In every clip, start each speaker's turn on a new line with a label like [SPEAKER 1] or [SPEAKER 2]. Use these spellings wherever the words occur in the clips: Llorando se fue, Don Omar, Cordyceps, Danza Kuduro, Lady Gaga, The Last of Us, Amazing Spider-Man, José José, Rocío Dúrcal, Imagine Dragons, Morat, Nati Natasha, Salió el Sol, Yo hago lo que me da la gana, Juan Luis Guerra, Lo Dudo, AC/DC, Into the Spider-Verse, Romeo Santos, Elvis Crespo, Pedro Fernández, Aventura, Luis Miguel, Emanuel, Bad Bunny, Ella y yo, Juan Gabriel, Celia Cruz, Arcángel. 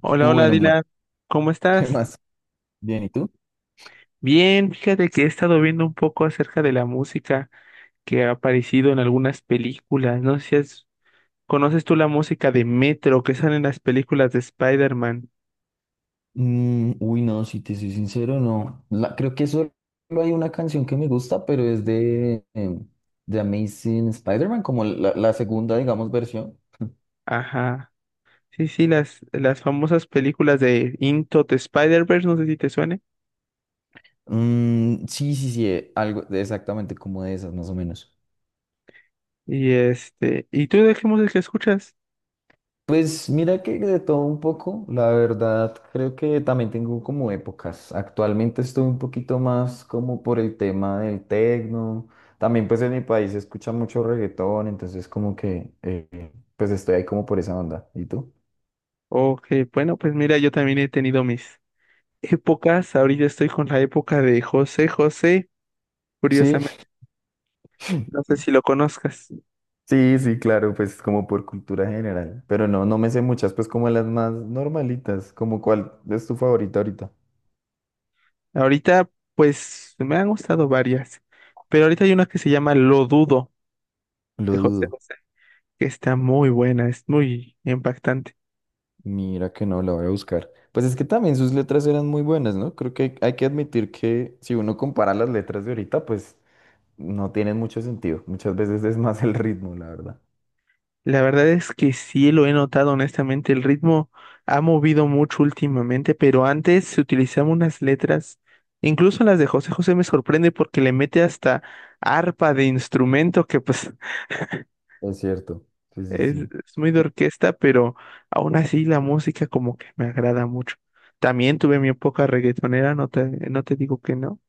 [SPEAKER 1] Hola, hola
[SPEAKER 2] Bueno, ma-
[SPEAKER 1] Dylan, ¿cómo
[SPEAKER 2] ¿qué
[SPEAKER 1] estás?
[SPEAKER 2] más? Bien, ¿y tú?
[SPEAKER 1] Bien, fíjate que he estado viendo un poco acerca de la música que ha aparecido en algunas películas. No sé si has- ¿Conoces tú la música de Metro que sale en las películas de Spider-Man?
[SPEAKER 2] Mm, uy, no, si te soy sincero, no. La- creo que solo hay una canción que me gusta, pero es de Amazing Spider-Man, como la segunda, digamos, versión.
[SPEAKER 1] Ajá. Sí, sí, las famosas películas de Into the Spider-Verse, no sé si te suene.
[SPEAKER 2] Mm, sí, sí, sí, algo de- exactamente como de esas, más o menos.
[SPEAKER 1] Y este, ¿y tú de qué música escuchas?
[SPEAKER 2] Pues mira que de todo un poco, la verdad creo que también tengo como épocas. Actualmente estoy un poquito más como por el tema del tecno. También pues en mi país se escucha mucho reggaetón, entonces como que pues estoy ahí como por esa onda. ¿Y tú?
[SPEAKER 1] Ok, bueno, pues mira, yo también he tenido mis épocas. Ahorita estoy con la época de José José,
[SPEAKER 2] Sí,
[SPEAKER 1] curiosamente. No sé si lo conozcas.
[SPEAKER 2] sí, sí, claro, pues como por cultura general. Pero no, no me sé muchas, pues como las más normalitas, como cuál es tu favorita ahorita.
[SPEAKER 1] Ahorita, pues, me han gustado varias, pero ahorita hay una que se llama Lo Dudo,
[SPEAKER 2] Lo
[SPEAKER 1] de José
[SPEAKER 2] dudo.
[SPEAKER 1] José, que está muy buena, es muy impactante.
[SPEAKER 2] Mira que no, la voy a buscar. Pues es que también sus letras eran muy buenas, ¿no? Creo que hay que admitir que si uno compara las letras de ahorita, pues no tienen mucho sentido. Muchas veces es más el ritmo, la verdad.
[SPEAKER 1] La verdad es que sí lo he notado, honestamente, el ritmo ha movido mucho últimamente, pero antes se utilizaban unas letras, incluso las de José José me sorprende porque le mete hasta arpa de instrumento que pues...
[SPEAKER 2] Es cierto. Sí, sí,
[SPEAKER 1] Es,
[SPEAKER 2] sí.
[SPEAKER 1] es muy de orquesta, pero aún así la música como que me agrada mucho. También tuve mi época reggaetonera, no te digo que no.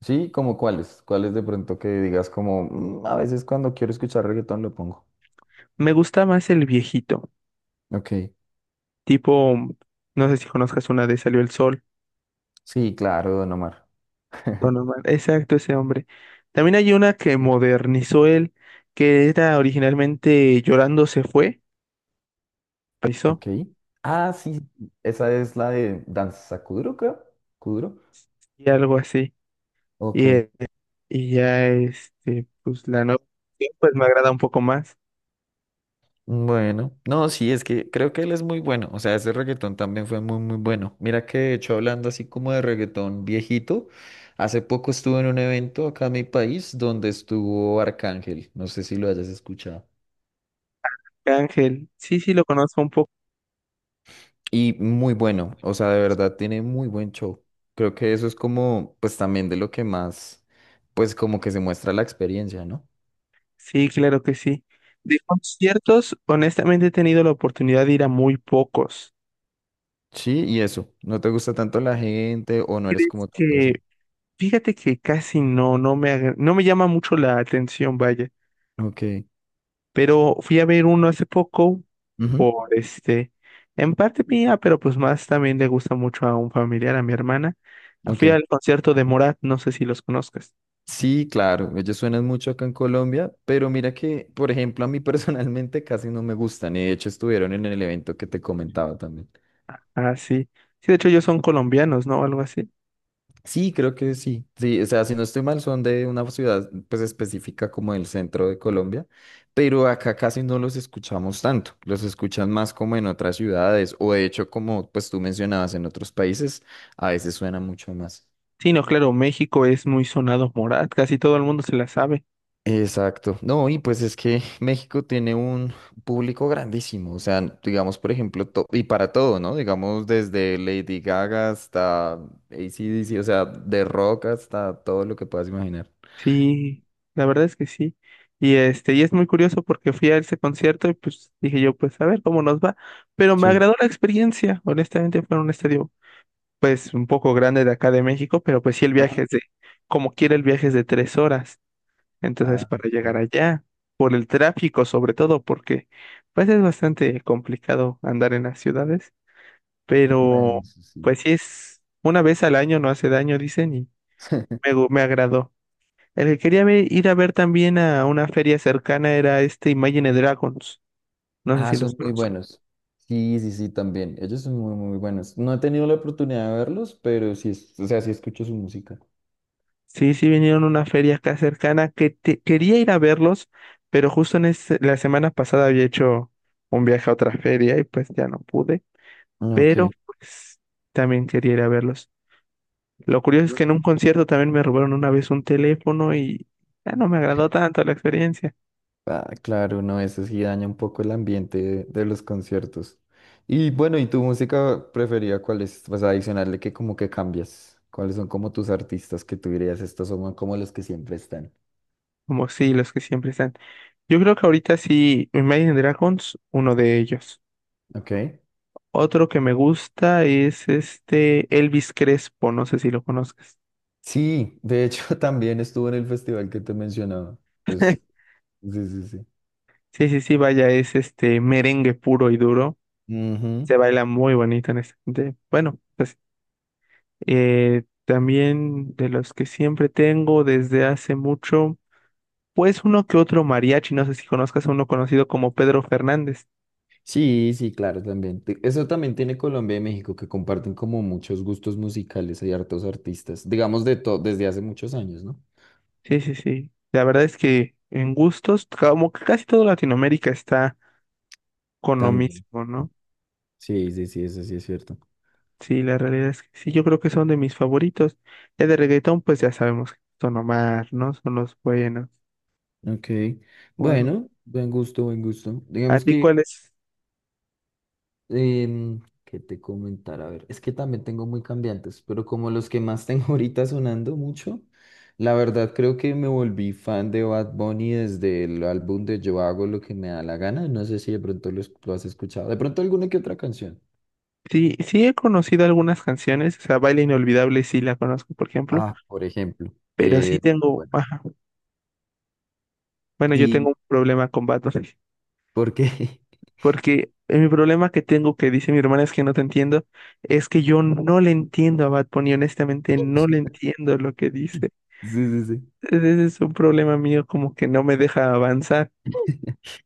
[SPEAKER 2] Sí, como cuáles. Cuáles de pronto que digas como, "Mm, a veces cuando quiero escuchar reggaetón lo pongo".
[SPEAKER 1] Me gusta más el viejito,
[SPEAKER 2] Ok.
[SPEAKER 1] tipo, no sé si conozcas una de Salió el Sol,
[SPEAKER 2] Sí, claro, Don Omar.
[SPEAKER 1] Don Omar. Exacto, ese hombre. También hay una que modernizó él, que era originalmente Llorando se fue, paisó,
[SPEAKER 2] Ok. Ah, sí. Esa es la de Danza Kuduro, creo. Kuduro.
[SPEAKER 1] y algo así.
[SPEAKER 2] Ok.
[SPEAKER 1] Y, eh, y ya, pues la nueva, pues me agrada un poco más.
[SPEAKER 2] Bueno, no, sí, es que creo que él es muy bueno, o sea, ese reggaetón también fue muy, muy bueno. Mira que de hecho hablando así como de reggaetón viejito, hace poco estuve en un evento acá en mi país donde estuvo Arcángel, no sé si lo hayas escuchado.
[SPEAKER 1] Ángel, sí, sí, lo conozco un poco.
[SPEAKER 2] Y muy bueno, o sea, de verdad tiene muy buen show. Creo que eso es como, pues también de lo que más, pues como que se muestra la experiencia, ¿no?
[SPEAKER 1] Sí, claro que sí. De conciertos, honestamente he tenido la oportunidad de ir a muy pocos.
[SPEAKER 2] Sí, y eso, no te gusta tanto la gente o no eres
[SPEAKER 1] ¿Crees
[SPEAKER 2] como tanto eso.
[SPEAKER 1] que, fíjate que casi no me llama mucho la atención, vaya.
[SPEAKER 2] Ok.
[SPEAKER 1] Pero fui a ver uno hace poco
[SPEAKER 2] Ujú.
[SPEAKER 1] por este, en parte mía, pero pues más también le gusta mucho a un familiar, a mi hermana.
[SPEAKER 2] Ok.
[SPEAKER 1] Fui al concierto de Morat, no sé si los conozcas.
[SPEAKER 2] Sí, claro, ellos suenan mucho acá en Colombia, pero mira que, por ejemplo, a mí personalmente casi no me gustan, y de hecho estuvieron en el evento que te comentaba también.
[SPEAKER 1] Ah, sí. Sí, de hecho ellos son colombianos, ¿no? Algo así.
[SPEAKER 2] Sí, creo que sí, sí, o sea, si no estoy mal, son de una ciudad pues específica como el centro de Colombia, pero acá casi no los escuchamos tanto, los escuchan más como en otras ciudades, o de hecho como pues tú mencionabas en otros países, a veces suena mucho más.
[SPEAKER 1] Sí, no, claro, México es muy sonado Morat, casi todo el mundo se la sabe.
[SPEAKER 2] Exacto. No, y pues es que México tiene un público grandísimo, o sea, digamos, por ejemplo, to- y para todo, ¿no? Digamos, desde Lady Gaga hasta AC/DC, o sea, de rock hasta todo lo que puedas imaginar.
[SPEAKER 1] Sí, la verdad es que sí. Y este, y es muy curioso porque fui a ese concierto y pues dije yo, pues a ver cómo nos va. Pero me
[SPEAKER 2] Sí.
[SPEAKER 1] agradó la experiencia. Honestamente fue en un estadio pues un poco grande de acá de México, pero pues sí el viaje
[SPEAKER 2] Ajá.
[SPEAKER 1] es de, como quiera el viaje es de 3 horas. Entonces
[SPEAKER 2] Ah,
[SPEAKER 1] para llegar
[SPEAKER 2] ok.
[SPEAKER 1] allá, por el tráfico sobre todo, porque pues es bastante complicado andar en las ciudades.
[SPEAKER 2] Bueno,
[SPEAKER 1] Pero
[SPEAKER 2] eso sí.
[SPEAKER 1] pues sí, es una vez al año, no hace daño, dicen, y me agradó. El ir a ver también a una feria cercana era este Imagine Dragons. No sé
[SPEAKER 2] Ah,
[SPEAKER 1] si los
[SPEAKER 2] son muy
[SPEAKER 1] conozco.
[SPEAKER 2] buenos. Sí, sí, sí, también. Ellos son muy, muy buenos. No he tenido la oportunidad de verlos, pero sí, es- o sea, sí escucho su música.
[SPEAKER 1] Sí, sí, vinieron a una feria acá cercana quería ir a verlos, pero la semana pasada había hecho un viaje a otra feria y pues ya no pude.
[SPEAKER 2] Ok.
[SPEAKER 1] Pero pues también quería ir a verlos. Lo curioso es que en un concierto también me robaron una vez un teléfono y ya no me agradó tanto la experiencia.
[SPEAKER 2] Ah, claro, no, eso sí daña un poco el ambiente de los conciertos. Y bueno, ¿y tu música preferida cuál es? Vas a adicionarle que como que cambias. ¿Cuáles son como tus artistas que tú dirías, estos son como los que siempre están?
[SPEAKER 1] Como sí, los que siempre están. Yo creo que ahorita sí, Imagine Dragons, uno de ellos.
[SPEAKER 2] Ok.
[SPEAKER 1] Otro que me gusta es este Elvis Crespo, no sé si lo conozcas.
[SPEAKER 2] Sí, de hecho también estuvo en el festival que te mencionaba. Pues, sí, sí, sí.
[SPEAKER 1] Sí, sí, sí, vaya, es este merengue puro y duro.
[SPEAKER 2] Ujú.
[SPEAKER 1] Se baila muy bonito en este. Bueno, pues también de los que siempre tengo desde hace mucho, pues uno que otro mariachi, no sé si conozcas a uno conocido como Pedro Fernández.
[SPEAKER 2] Sí, sí, claro, también. Te- Eso también tiene Colombia y México, que comparten como muchos gustos musicales y hartos artistas, digamos de todo, desde hace muchos años, ¿no?
[SPEAKER 1] Sí, sí, sí. La verdad es que en gustos, como que casi toda Latinoamérica está con lo
[SPEAKER 2] También.
[SPEAKER 1] mismo, ¿no?
[SPEAKER 2] Sí, sí, sí, eso sí es cierto.
[SPEAKER 1] Sí, la realidad es que sí, yo creo que son de mis favoritos. Ya de reggaetón, pues ya sabemos que son Omar, ¿no? Son los buenos.
[SPEAKER 2] Ok,
[SPEAKER 1] O algo.
[SPEAKER 2] bueno, buen gusto, buen gusto.
[SPEAKER 1] ¿A
[SPEAKER 2] Digamos
[SPEAKER 1] ti
[SPEAKER 2] que,
[SPEAKER 1] cuáles?
[SPEAKER 2] ¿qué te comentar? A ver, es que también tengo muy cambiantes, pero como los que más tengo ahorita sonando mucho, la verdad creo que me volví fan de Bad Bunny desde el álbum de Yo hago lo que me da la gana. No sé si de pronto lo, es- lo has escuchado. De pronto alguna que otra canción.
[SPEAKER 1] Sí, sí he conocido algunas canciones, o sea, Baile Inolvidable sí la conozco, por ejemplo,
[SPEAKER 2] Ah, por ejemplo.
[SPEAKER 1] pero sí tengo,
[SPEAKER 2] Bueno,
[SPEAKER 1] ajá, bueno, yo tengo
[SPEAKER 2] ¿y
[SPEAKER 1] un problema con Bad Bunny,
[SPEAKER 2] por qué?
[SPEAKER 1] porque mi problema que tengo, que dice mi hermana, es que no te entiendo, es que yo no le entiendo a Bad Bunny, honestamente no le entiendo lo que dice.
[SPEAKER 2] Sí, sí, sí.
[SPEAKER 1] Ese es un problema mío, como que no me deja avanzar.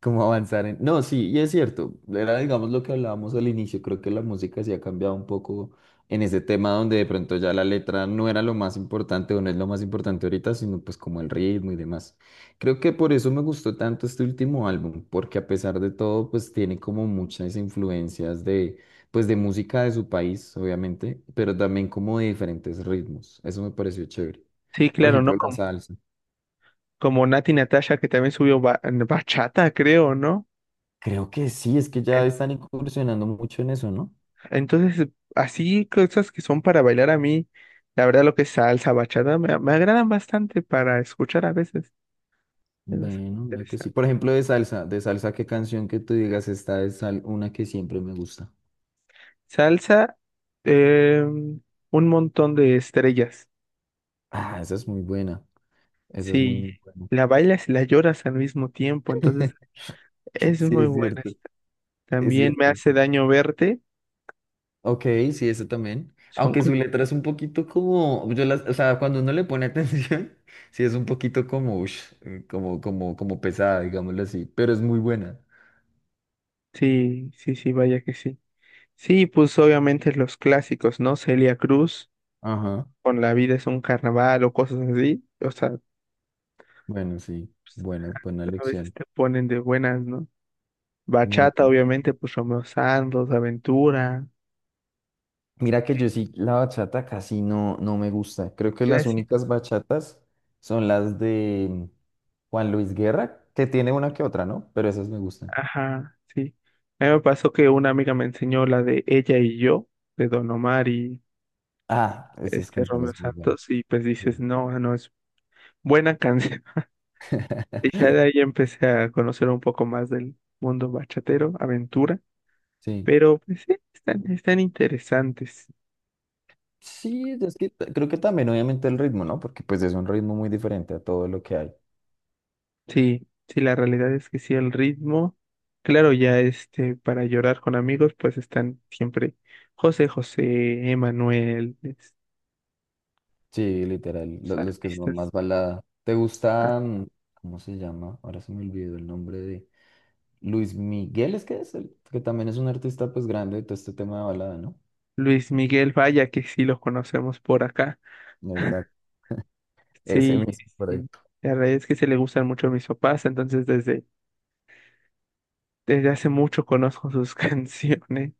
[SPEAKER 2] Como avanzar en... No, sí, y es cierto. Era, digamos, lo que hablábamos al inicio. Creo que la música sí ha cambiado un poco en ese tema donde de pronto ya la letra no era lo más importante o no es lo más importante ahorita, sino pues como el ritmo y demás. Creo que por eso me gustó tanto este último álbum, porque a pesar de todo, pues tiene como muchas influencias de, pues de música de su país, obviamente, pero también como de diferentes ritmos. Eso me pareció chévere.
[SPEAKER 1] Sí,
[SPEAKER 2] Por
[SPEAKER 1] claro, ¿no?
[SPEAKER 2] ejemplo, la salsa.
[SPEAKER 1] Como Nati Natasha, que también bachata, creo, ¿no?
[SPEAKER 2] Creo que sí, es que
[SPEAKER 1] En-
[SPEAKER 2] ya están incursionando mucho en eso, ¿no?
[SPEAKER 1] Entonces, así cosas que son para bailar a mí, la verdad lo que es salsa, bachata, me agradan bastante para escuchar a veces. Es bastante
[SPEAKER 2] Bueno, mira que sí.
[SPEAKER 1] interesante.
[SPEAKER 2] Por ejemplo, de salsa, ¿qué canción que tú digas esta es sal- una que siempre me gusta?
[SPEAKER 1] Salsa, eh, un montón de estrellas.
[SPEAKER 2] Ah, esa es muy buena. Esa es muy,
[SPEAKER 1] Sí,
[SPEAKER 2] muy buena.
[SPEAKER 1] la bailas y la lloras al mismo tiempo, entonces es
[SPEAKER 2] Sí,
[SPEAKER 1] muy
[SPEAKER 2] es
[SPEAKER 1] buena,
[SPEAKER 2] cierto.
[SPEAKER 1] esta.
[SPEAKER 2] Es
[SPEAKER 1] También me
[SPEAKER 2] cierto,
[SPEAKER 1] hace
[SPEAKER 2] sí.
[SPEAKER 1] daño verte,
[SPEAKER 2] Ok, sí, esa también.
[SPEAKER 1] son
[SPEAKER 2] Aunque
[SPEAKER 1] como...
[SPEAKER 2] su letra es un poquito como, yo las, o sea, cuando uno le pone atención, sí es un poquito como, ush, como, como pesada, digámoslo así, pero es muy buena.
[SPEAKER 1] Sí, sí, sí, vaya que sí. Sí, pues obviamente los clásicos, ¿no? Celia Cruz,
[SPEAKER 2] Ajá.
[SPEAKER 1] con la vida es un carnaval o cosas así, o sea, pues,
[SPEAKER 2] Bueno, sí. Buena, buena
[SPEAKER 1] a veces
[SPEAKER 2] lección.
[SPEAKER 1] te ponen de buenas, ¿no?
[SPEAKER 2] Muy
[SPEAKER 1] Bachata,
[SPEAKER 2] buena.
[SPEAKER 1] obviamente, pues Romeo Santos, Aventura,
[SPEAKER 2] Mira que yo sí, la bachata casi no, no me gusta. Creo que
[SPEAKER 1] ya
[SPEAKER 2] las
[SPEAKER 1] sí,
[SPEAKER 2] únicas bachatas son las de Juan Luis Guerra, que tiene una que otra, ¿no? Pero esas me gustan.
[SPEAKER 1] ajá, sí. A mí me pasó que una amiga me enseñó la de Ella y yo, de Don Omar y
[SPEAKER 2] Ah, esas
[SPEAKER 1] este Romeo
[SPEAKER 2] canciones muy buenas.
[SPEAKER 1] Santos, y pues dices,
[SPEAKER 2] Sí.
[SPEAKER 1] no, ah, no, es buena canción. Y ya de ahí empecé a conocer un poco más del mundo bachatero, Aventura,
[SPEAKER 2] Sí,
[SPEAKER 1] pero pues sí, están, están interesantes.
[SPEAKER 2] sí, es que t- creo que también obviamente el ritmo, ¿no? Porque pues es un ritmo muy diferente a todo lo que hay.
[SPEAKER 1] Sí, sí, la realidad es que sí, el ritmo, claro, ya este, para llorar con amigos, pues están siempre José José, Emanuel,
[SPEAKER 2] Sí, literal,
[SPEAKER 1] los
[SPEAKER 2] lo- los, que son más
[SPEAKER 1] artistas,
[SPEAKER 2] balada. ¿Te
[SPEAKER 1] ah,
[SPEAKER 2] gusta, mm, cómo se llama? Ahora se me olvidó el nombre de Luis Miguel, es que es el, que también es un artista pues grande de todo este tema de balada, ¿no?
[SPEAKER 1] Luis Miguel, vaya que sí lo conocemos por acá,
[SPEAKER 2] Exacto. Ese
[SPEAKER 1] sí,
[SPEAKER 2] mismo por ahí.
[SPEAKER 1] sí, la realidad es que se le gustan mucho a mis papás, entonces desde hace mucho conozco sus canciones,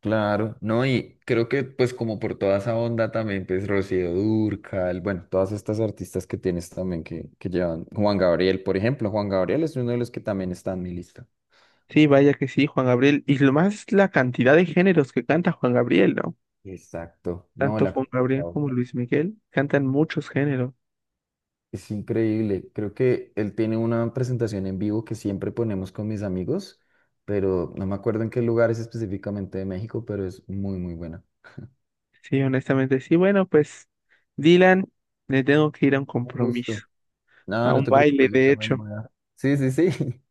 [SPEAKER 2] Claro, no, y creo que pues como por toda esa onda también, pues Rocío Dúrcal, bueno, todas estas artistas que tienes también que llevan, Juan Gabriel, por ejemplo, Juan Gabriel es uno de los que también está en mi lista.
[SPEAKER 1] sí, vaya que sí, Juan Gabriel, y lo más es la cantidad de géneros que canta Juan Gabriel, ¿no?
[SPEAKER 2] Exacto, no,
[SPEAKER 1] Tanto
[SPEAKER 2] la
[SPEAKER 1] Juan
[SPEAKER 2] capacidad
[SPEAKER 1] Gabriel como
[SPEAKER 2] vocal
[SPEAKER 1] Luis Miguel cantan muchos géneros.
[SPEAKER 2] es increíble, creo que él tiene una presentación en vivo que siempre ponemos con mis amigos, pero no me acuerdo en qué lugar es específicamente de México, pero es muy, muy buena.
[SPEAKER 1] Sí, honestamente, sí. Bueno, pues, Dylan, le tengo que ir a un
[SPEAKER 2] Un gusto.
[SPEAKER 1] compromiso,
[SPEAKER 2] No,
[SPEAKER 1] a
[SPEAKER 2] no
[SPEAKER 1] un
[SPEAKER 2] te
[SPEAKER 1] baile,
[SPEAKER 2] preocupes, yo
[SPEAKER 1] de
[SPEAKER 2] también
[SPEAKER 1] hecho, no
[SPEAKER 2] voy a... Sí, sí, sí.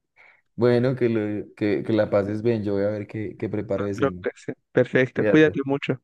[SPEAKER 2] Bueno, que, lo- que la pases bien. Yo voy a ver qué preparo de
[SPEAKER 1] te lo
[SPEAKER 2] cena.
[SPEAKER 1] perfecto, cuídate
[SPEAKER 2] Cuídate.
[SPEAKER 1] mucho.